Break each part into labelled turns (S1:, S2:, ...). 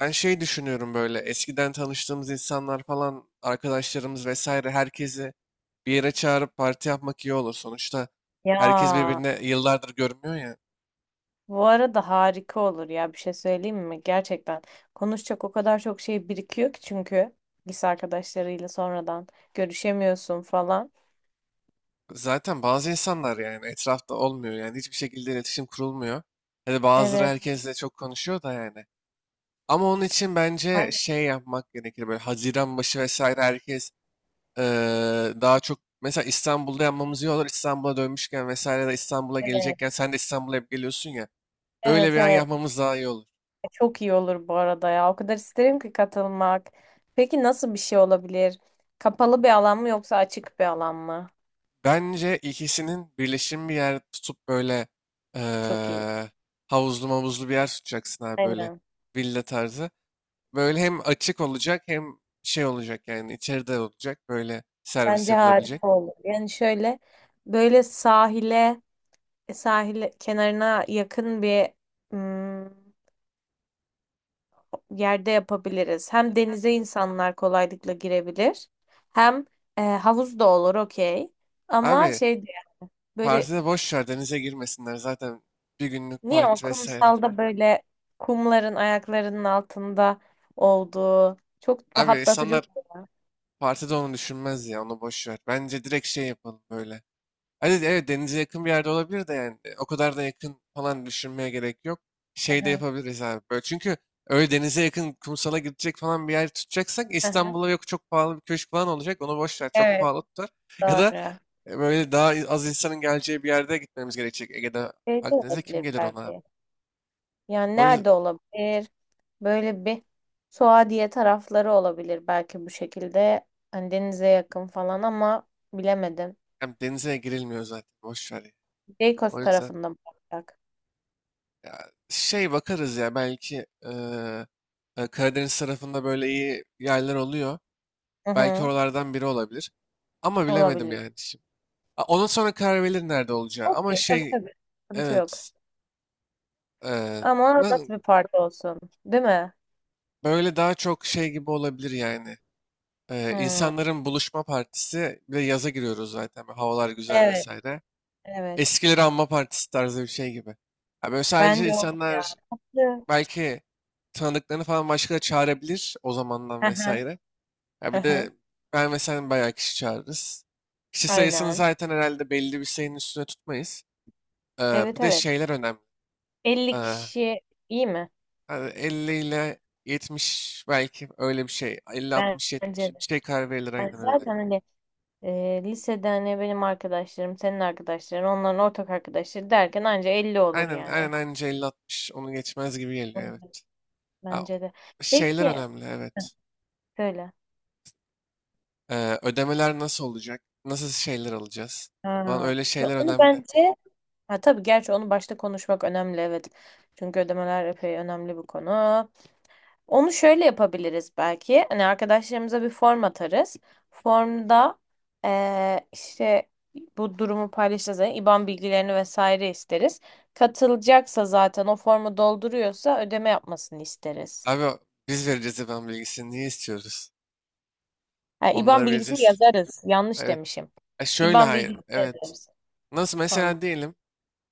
S1: Ben şey düşünüyorum böyle eskiden tanıştığımız insanlar falan arkadaşlarımız vesaire herkesi bir yere çağırıp parti yapmak iyi olur. Sonuçta herkes
S2: Ya,
S1: birbirine yıllardır görmüyor ya.
S2: bu arada harika olur ya, bir şey söyleyeyim mi? Gerçekten konuşacak o kadar çok şey birikiyor ki, çünkü lise arkadaşlarıyla sonradan görüşemiyorsun falan.
S1: Zaten bazı insanlar yani etrafta olmuyor yani hiçbir şekilde iletişim kurulmuyor. Hani bazıları
S2: Evet.
S1: herkesle çok konuşuyor da yani. Ama onun için bence
S2: Aynen,
S1: şey yapmak gerekir böyle Haziran başı vesaire herkes eee, daha çok mesela İstanbul'da yapmamız iyi olur. İstanbul'a dönmüşken vesaire de İstanbul'a
S2: evet.
S1: gelecekken sen de İstanbul'a hep geliyorsun ya. Öyle
S2: Evet,
S1: bir an
S2: evet.
S1: yapmamız daha iyi olur.
S2: Çok iyi olur bu arada ya. O kadar isterim ki katılmak. Peki nasıl bir şey olabilir? Kapalı bir alan mı yoksa açık bir alan mı?
S1: Bence ikisinin birleşimi bir yer tutup böyle
S2: Çok iyi.
S1: eee havuzlu mavuzlu bir yer tutacaksın abi böyle
S2: Aynen.
S1: villa tarzı. Böyle hem açık olacak hem şey olacak yani içeride olacak böyle servis
S2: Bence
S1: yapılabilecek.
S2: harika olur. Yani şöyle, böyle sahil kenarına yakın bir mm, yerde yapabiliriz. Hem denize insanlar kolaylıkla girebilir. Hem havuz da olur, okey. Ama
S1: Abi
S2: şey diye, böyle
S1: partide boş ver denize girmesinler zaten bir günlük
S2: niye o
S1: parti vesaire.
S2: kumsalda böyle kumların ayaklarının altında olduğu çok
S1: Abi
S2: rahatlatıcı.
S1: insanlar partide onu düşünmez ya onu boş ver. Bence direkt şey yapalım böyle. Hani evet denize yakın bir yerde olabilir de yani o kadar da yakın falan düşünmeye gerek yok.
S2: Hı
S1: Şey de
S2: hı,
S1: yapabiliriz abi böyle. Çünkü öyle denize yakın kumsala gidecek falan bir yer tutacaksak
S2: hı hı.
S1: İstanbul'a yok çok pahalı bir köşk falan olacak. Onu boş ver çok
S2: Evet,
S1: pahalı tutar. Ya da
S2: doğru.
S1: böyle daha az insanın geleceği bir yerde gitmemiz gerekecek. Ege'de
S2: Şey de
S1: Akdeniz'e kim
S2: olabilir
S1: gelir ona abi?
S2: belki. Yani
S1: O yüzden
S2: nerede olabilir? Böyle bir Suadiye tarafları olabilir belki bu şekilde. Hani denize yakın falan, ama bilemedim.
S1: hem denize girilmiyor zaten boş ver ya.
S2: Beykoz
S1: O yüzden
S2: tarafında mı olacak?
S1: ya, şey bakarız ya belki Karadeniz tarafında böyle iyi yerler oluyor.
S2: Hı
S1: Belki
S2: hı,
S1: oralardan biri olabilir. Ama bilemedim
S2: olabilir.
S1: yani şimdi. Ondan sonra karar verilir nerede olacağı. Ama
S2: Okey, tabii
S1: şey
S2: tabii. Sıkıntı yok.
S1: evet e,
S2: Ama
S1: na-
S2: nasıl bir parti olsun? Değil mi?
S1: böyle daha çok şey gibi olabilir yani. E,
S2: Hı.
S1: insanların buluşma partisi bir de yaza giriyoruz zaten. Böyle havalar güzel
S2: Evet,
S1: vesaire.
S2: evet.
S1: Eskileri anma partisi tarzı bir şey gibi. Ya böyle sadece
S2: Bence o ya.
S1: insanlar
S2: Tatlı.
S1: belki tanıdıklarını falan başka da çağırabilir o zamandan
S2: Hı hı,
S1: vesaire. Ya
S2: hı
S1: bir de
S2: hı.
S1: ben ve sen bayağı kişi çağırırız. Kişi sayısını
S2: Aynen.
S1: zaten herhalde belli bir sayının üstüne tutmayız. Bir
S2: Evet,
S1: de
S2: evet.
S1: şeyler önemli. Ee,
S2: 50 kişi iyi mi?
S1: hani 50 ile 70 belki öyle bir şey. 50, 60, 70
S2: Bence
S1: bir
S2: de.
S1: şey karar verilir
S2: Ben
S1: aynen öyle.
S2: zaten hani, lisede hani benim arkadaşlarım, senin arkadaşların, onların ortak arkadaşları derken anca 50 olur
S1: Aynen
S2: yani.
S1: aynen anca 50, 60 onu geçmez gibi geliyor
S2: Evet,
S1: evet. Ha,
S2: bence de.
S1: şeyler
S2: Peki
S1: önemli evet.
S2: söyle.
S1: Ödemeler nasıl olacak? Nasıl şeyler alacağız? Falan
S2: Ha.
S1: öyle şeyler
S2: Onu
S1: önemli.
S2: bence, ha, tabii, gerçi onu başta konuşmak önemli, evet. Çünkü ödemeler epey önemli bir konu. Onu şöyle yapabiliriz belki. Hani arkadaşlarımıza bir form atarız. Formda işte bu durumu paylaşacağız. Yani IBAN bilgilerini vesaire isteriz. Katılacaksa, zaten o formu dolduruyorsa, ödeme yapmasını isteriz.
S1: Abi biz vereceğiz ben bilgisini niye istiyoruz?
S2: Ha, IBAN
S1: Onları
S2: bilgisini
S1: vereceğiz.
S2: yazarız. Yanlış
S1: Evet.
S2: demişim.
S1: E şöyle
S2: IBAN
S1: hayır.
S2: bilgisini
S1: Evet.
S2: yazarız.
S1: Nasıl
S2: Formda.
S1: mesela diyelim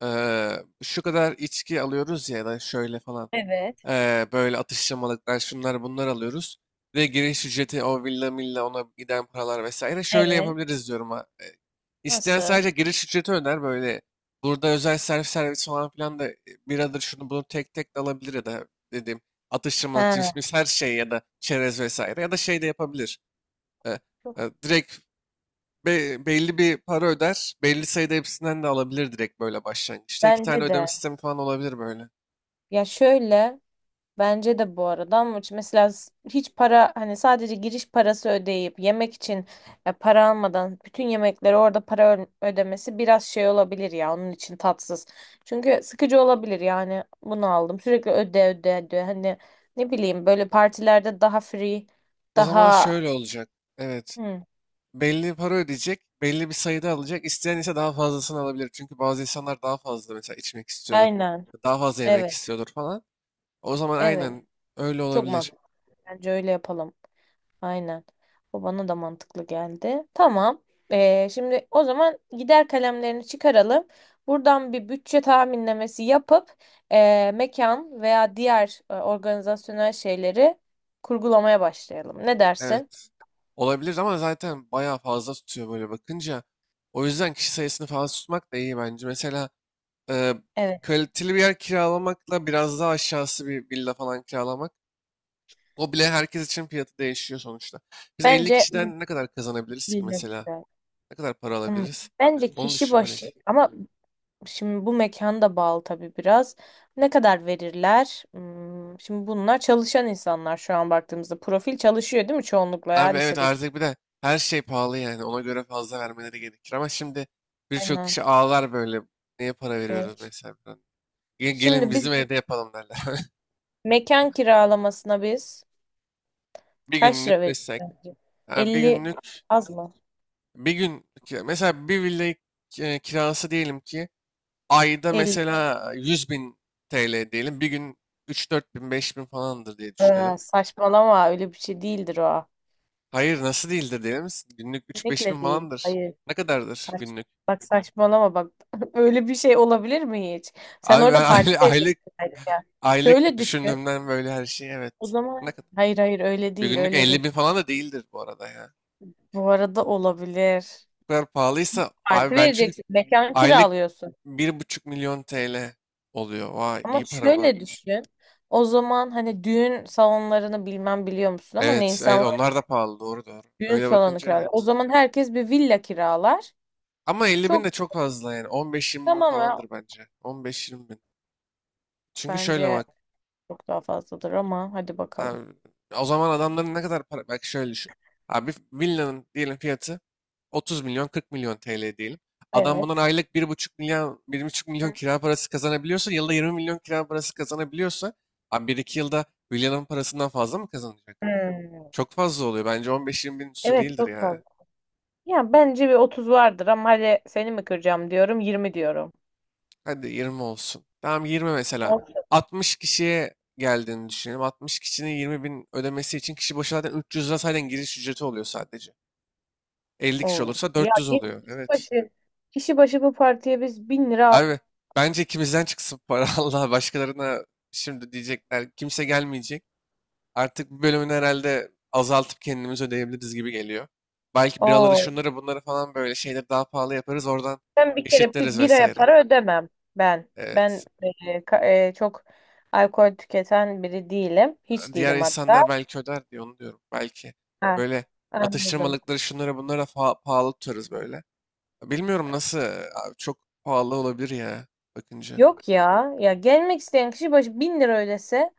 S1: şu kadar içki alıyoruz ya ya da şöyle falan.
S2: Evet,
S1: Böyle atıştırmalıklar şunlar bunlar alıyoruz. Ve giriş ücreti o villa milla ona giden paralar vesaire. Şöyle
S2: evet.
S1: yapabiliriz diyorum. İsteyen
S2: Nasıl?
S1: sadece giriş ücreti öder böyle. Burada özel servis servis falan filan da biradır şunu bunu tek tek de alabilir ya da dediğim atıştırmalık cips
S2: Ha,
S1: mis her şey ya da çerez vesaire ya da şey de yapabilir. E, e,
S2: çok-
S1: direkt belli bir para öder. Belli sayıda hepsinden de alabilir direkt böyle başlangıçta. İki tane
S2: bence
S1: ödeme
S2: de.
S1: sistemi falan olabilir böyle.
S2: Ya şöyle. Bence de bu arada, ama mesela hiç para, hani sadece giriş parası ödeyip yemek için para almadan bütün yemekleri orada para ödemesi biraz şey olabilir ya, onun için tatsız. Çünkü sıkıcı olabilir yani, bunu aldım sürekli öde öde öde, hani ne bileyim, böyle partilerde daha free
S1: O zaman
S2: daha.
S1: şöyle olacak. Evet.
S2: Hı,
S1: Belli para ödeyecek. Belli bir sayıda alacak. İsteyen ise daha fazlasını alabilir. Çünkü bazı insanlar daha fazla mesela içmek istiyordur.
S2: aynen,
S1: Daha fazla yemek
S2: evet,
S1: istiyordur falan. O zaman
S2: evet,
S1: aynen öyle
S2: çok
S1: olabilir.
S2: mantıklı, bence öyle yapalım. Aynen. O bana da mantıklı geldi. Tamam. Şimdi o zaman gider kalemlerini çıkaralım. Buradan bir bütçe tahminlemesi yapıp, mekan veya diğer organizasyonel şeyleri kurgulamaya başlayalım. Ne dersin?
S1: Evet. Olabilir ama zaten bayağı fazla tutuyor böyle bakınca. O yüzden kişi sayısını fazla tutmak da iyi bence. Mesela Eee,
S2: Evet.
S1: kaliteli bir yer kiralamakla biraz daha aşağısı bir villa falan kiralamak. O bile herkes için fiyatı değişiyor sonuçta. Biz 50
S2: Bence
S1: kişiden ne kadar kazanabiliriz ki
S2: villa
S1: mesela?
S2: güzel.
S1: Ne kadar para
S2: Hmm.
S1: alabiliriz?
S2: Bence
S1: Onu
S2: kişi başı,
S1: düşünmeliyiz.
S2: ama şimdi bu mekan da bağlı tabii biraz. Ne kadar verirler? Şimdi bunlar çalışan insanlar, şu an baktığımızda. Profil çalışıyor değil mi çoğunlukla, ya
S1: Abi evet
S2: lisedeki?
S1: artık bir de her şey pahalı yani. Ona göre fazla vermeleri gerekir. Ama şimdi birçok
S2: Aynen.
S1: kişi ağlar böyle. Neye para
S2: E,
S1: veriyoruz
S2: ş-
S1: mesela? Falan. "Gelin
S2: Şimdi biz
S1: bizim evde yapalım derler.
S2: mekan kiralamasına biz
S1: Bir
S2: kaç lira
S1: günlük
S2: veririz
S1: desek.
S2: sence?
S1: Ha, bir
S2: 50
S1: günlük
S2: az mı?
S1: bir gün mesela bir villa kirası diyelim ki ayda
S2: 50.
S1: mesela 100 bin TL diyelim. Bir gün 3-4 bin, 5 bin falandır diye düşünelim.
S2: Saçmalama, öyle bir şey değildir o.
S1: Hayır nasıl değildir diyelim. Günlük 3-5
S2: Kesinlikle
S1: bin
S2: değil.
S1: falandır.
S2: Hayır.
S1: Ne kadardır
S2: Saç,
S1: günlük?
S2: Bak, saçmalama bak. Öyle bir şey olabilir mi hiç? Sen
S1: Abi ben
S2: orada parti
S1: aylık
S2: vereceksin belki ya.
S1: aylık
S2: Şöyle düşün.
S1: düşündüğümden böyle her şey
S2: O
S1: evet. Ne
S2: zaman
S1: kadar?
S2: hayır hayır, öyle
S1: Bir
S2: değil
S1: günlük
S2: öyle değil.
S1: 50 bin falan da değildir bu arada ya.
S2: Bu arada olabilir.
S1: Bu kadar pahalıysa
S2: Parti
S1: abi ben çünkü
S2: vereceksin. Mekan
S1: aylık
S2: kiralıyorsun.
S1: bir buçuk milyon TL oluyor. Vay
S2: Ama
S1: iyi para var.
S2: şöyle düşün. O zaman hani düğün salonlarını bilmem biliyor musun, ama ne
S1: Evet, evet
S2: insanlar
S1: onlar da pahalı doğru doğru.
S2: düğün
S1: Öyle
S2: salonu
S1: bakınca
S2: kiralar. O
S1: evet.
S2: zaman herkes bir villa kiralar.
S1: Ama 50 bin de
S2: Çok,
S1: çok fazla yani. 15-20 bin
S2: tamam ya.
S1: falandır bence. 15-20 bin. Çünkü şöyle
S2: Bence
S1: bak.
S2: çok daha fazladır, ama hadi bakalım.
S1: Abi, o zaman adamların ne kadar para... Bak şöyle düşün. Abi villanın diyelim fiyatı 30 milyon 40 milyon TL diyelim. Adam bundan
S2: Evet.
S1: aylık bir buçuk milyon kira parası kazanabiliyorsa yılda 20 milyon kira parası kazanabiliyorsa abi 1-2 yılda villanın parasından fazla mı kazanacak?
S2: Hmm.
S1: Çok fazla oluyor. Bence 15-20 bin üstü
S2: Evet,
S1: değildir
S2: çok
S1: ya.
S2: fazla. Ya bence bir 30 vardır, ama hadi, seni mi kıracağım? Diyorum 20, diyorum.
S1: Hadi 20 olsun. Tamam 20 mesela.
S2: Olsun.
S1: 60 kişiye geldiğini düşünelim. 60 kişinin 20 bin ödemesi için kişi başı zaten 300 lira zaten giriş ücreti oluyor sadece. 50 kişi
S2: Oo.
S1: olursa
S2: Ya
S1: 400
S2: git,
S1: oluyor.
S2: kişi
S1: Evet.
S2: başı kişi başı bu partiye biz 1000 lira.
S1: Abi bence ikimizden çıksın para Allah başkalarına şimdi diyecekler kimse gelmeyecek. Artık bu bölümünü herhalde azaltıp kendimiz ödeyebiliriz gibi geliyor. Belki biraları
S2: Oo.
S1: şunları bunları falan böyle şeyleri daha pahalı yaparız oradan
S2: Ben bir kere
S1: eşitleriz
S2: bir aya
S1: vesaire.
S2: para ödemem ben.
S1: Ee,
S2: Ben çok alkol tüketen biri değilim. Hiç
S1: diğer
S2: değilim hatta.
S1: insanlar belki öder diye onu diyorum. Belki
S2: Ha,
S1: böyle
S2: anladım.
S1: atıştırmalıkları şunlara bunlara pahalı tutarız böyle. Bilmiyorum nasıl abi çok pahalı olabilir ya bakınca.
S2: Yok ya. Ya gelmek isteyen kişi başı 1000 lira ödese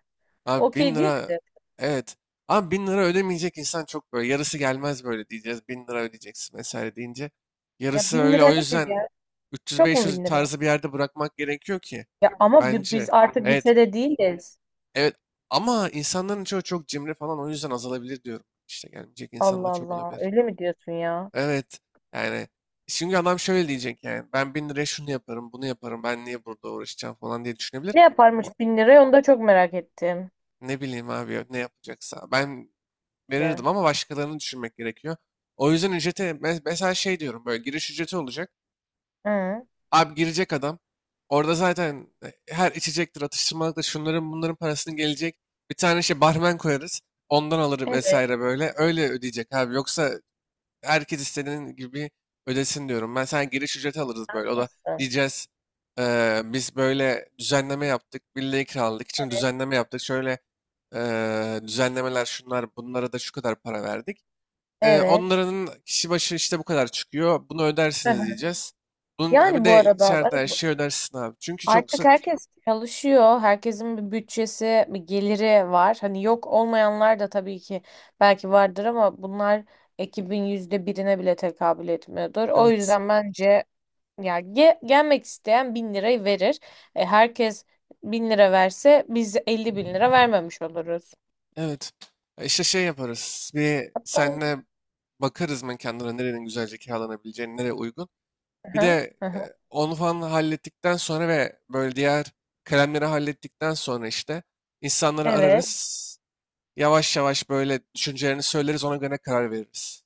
S1: Abi bin
S2: okey değil
S1: lira
S2: midir?
S1: evet. Abi bin lira ödemeyecek insan çok böyle yarısı gelmez böyle diyeceğiz. Bin lira ödeyeceksin vesaire deyince.
S2: Ya
S1: Yarısı
S2: bin
S1: öyle o
S2: lira nedir
S1: yüzden
S2: ya? Çok mu
S1: 300-500
S2: 1000 lira?
S1: tarzı bir yerde bırakmak gerekiyor ki
S2: Ya ama biz
S1: bence.
S2: artık
S1: Evet
S2: lisede değiliz.
S1: evet ama insanların çoğu çok cimri falan o yüzden azalabilir diyorum. İşte gelmeyecek
S2: Allah
S1: insanlar çok
S2: Allah.
S1: olabilir.
S2: Öyle mi diyorsun ya?
S1: Evet. Yani şimdi adam şöyle diyecek yani ben bin liraya şunu yaparım bunu yaparım ben niye burada uğraşacağım falan diye düşünebilir.
S2: Ne yaparmış
S1: O,
S2: 1000 liraya, onu da çok merak ettim.
S1: ne bileyim abi ya, ne yapacaksa. Ben
S2: Şey.
S1: verirdim ama başkalarını düşünmek gerekiyor. O yüzden ücrete mesela şey diyorum böyle giriş ücreti olacak.
S2: Hı.
S1: Abi girecek adam orada zaten her içecektir atıştırmalıktır şunların bunların parasını gelecek. Bir tane şey barmen koyarız ondan alır
S2: Evet.
S1: vesaire böyle öyle ödeyecek abi yoksa herkes istediğin gibi ödesin diyorum. Ben sana giriş ücreti alırız böyle. O da
S2: Nasıl?
S1: diyeceğiz "Biz böyle düzenleme yaptık. Birliği kiraladık için düzenleme yaptık. Şöyle düzenlemeler şunlar bunlara da şu kadar para verdik. Eee,
S2: Evet.
S1: onların kişi başı işte bu kadar çıkıyor. Bunu
S2: Hı
S1: ödersiniz
S2: hı.
S1: diyeceğiz. Bunun, ha bir
S2: Yani bu
S1: de
S2: arada,
S1: içeride her şeyi ödersin abi. Çünkü çok
S2: artık
S1: kısa.
S2: herkes çalışıyor. Herkesin bir bütçesi, bir geliri var. Hani yok, olmayanlar da tabii ki belki vardır, ama bunlar ekibin %1'ine bile tekabül etmiyordur. O
S1: Evet.
S2: yüzden bence, ya gelmek isteyen 1000 lirayı verir. Herkes 1000 lira verse biz 50 bin lira vermemiş oluruz.
S1: Evet. E İşte şey yaparız. Bir
S2: Tamam.
S1: senle bakarız mekanlara nerenin güzelce kiralanabileceğini, nereye uygun.
S2: Hı
S1: Bir
S2: hı.
S1: de
S2: Hı hı.
S1: onu falan hallettikten sonra ve böyle diğer kalemleri hallettikten sonra işte insanları
S2: Evet.
S1: ararız. Yavaş yavaş böyle düşüncelerini söyleriz ona göre karar veririz.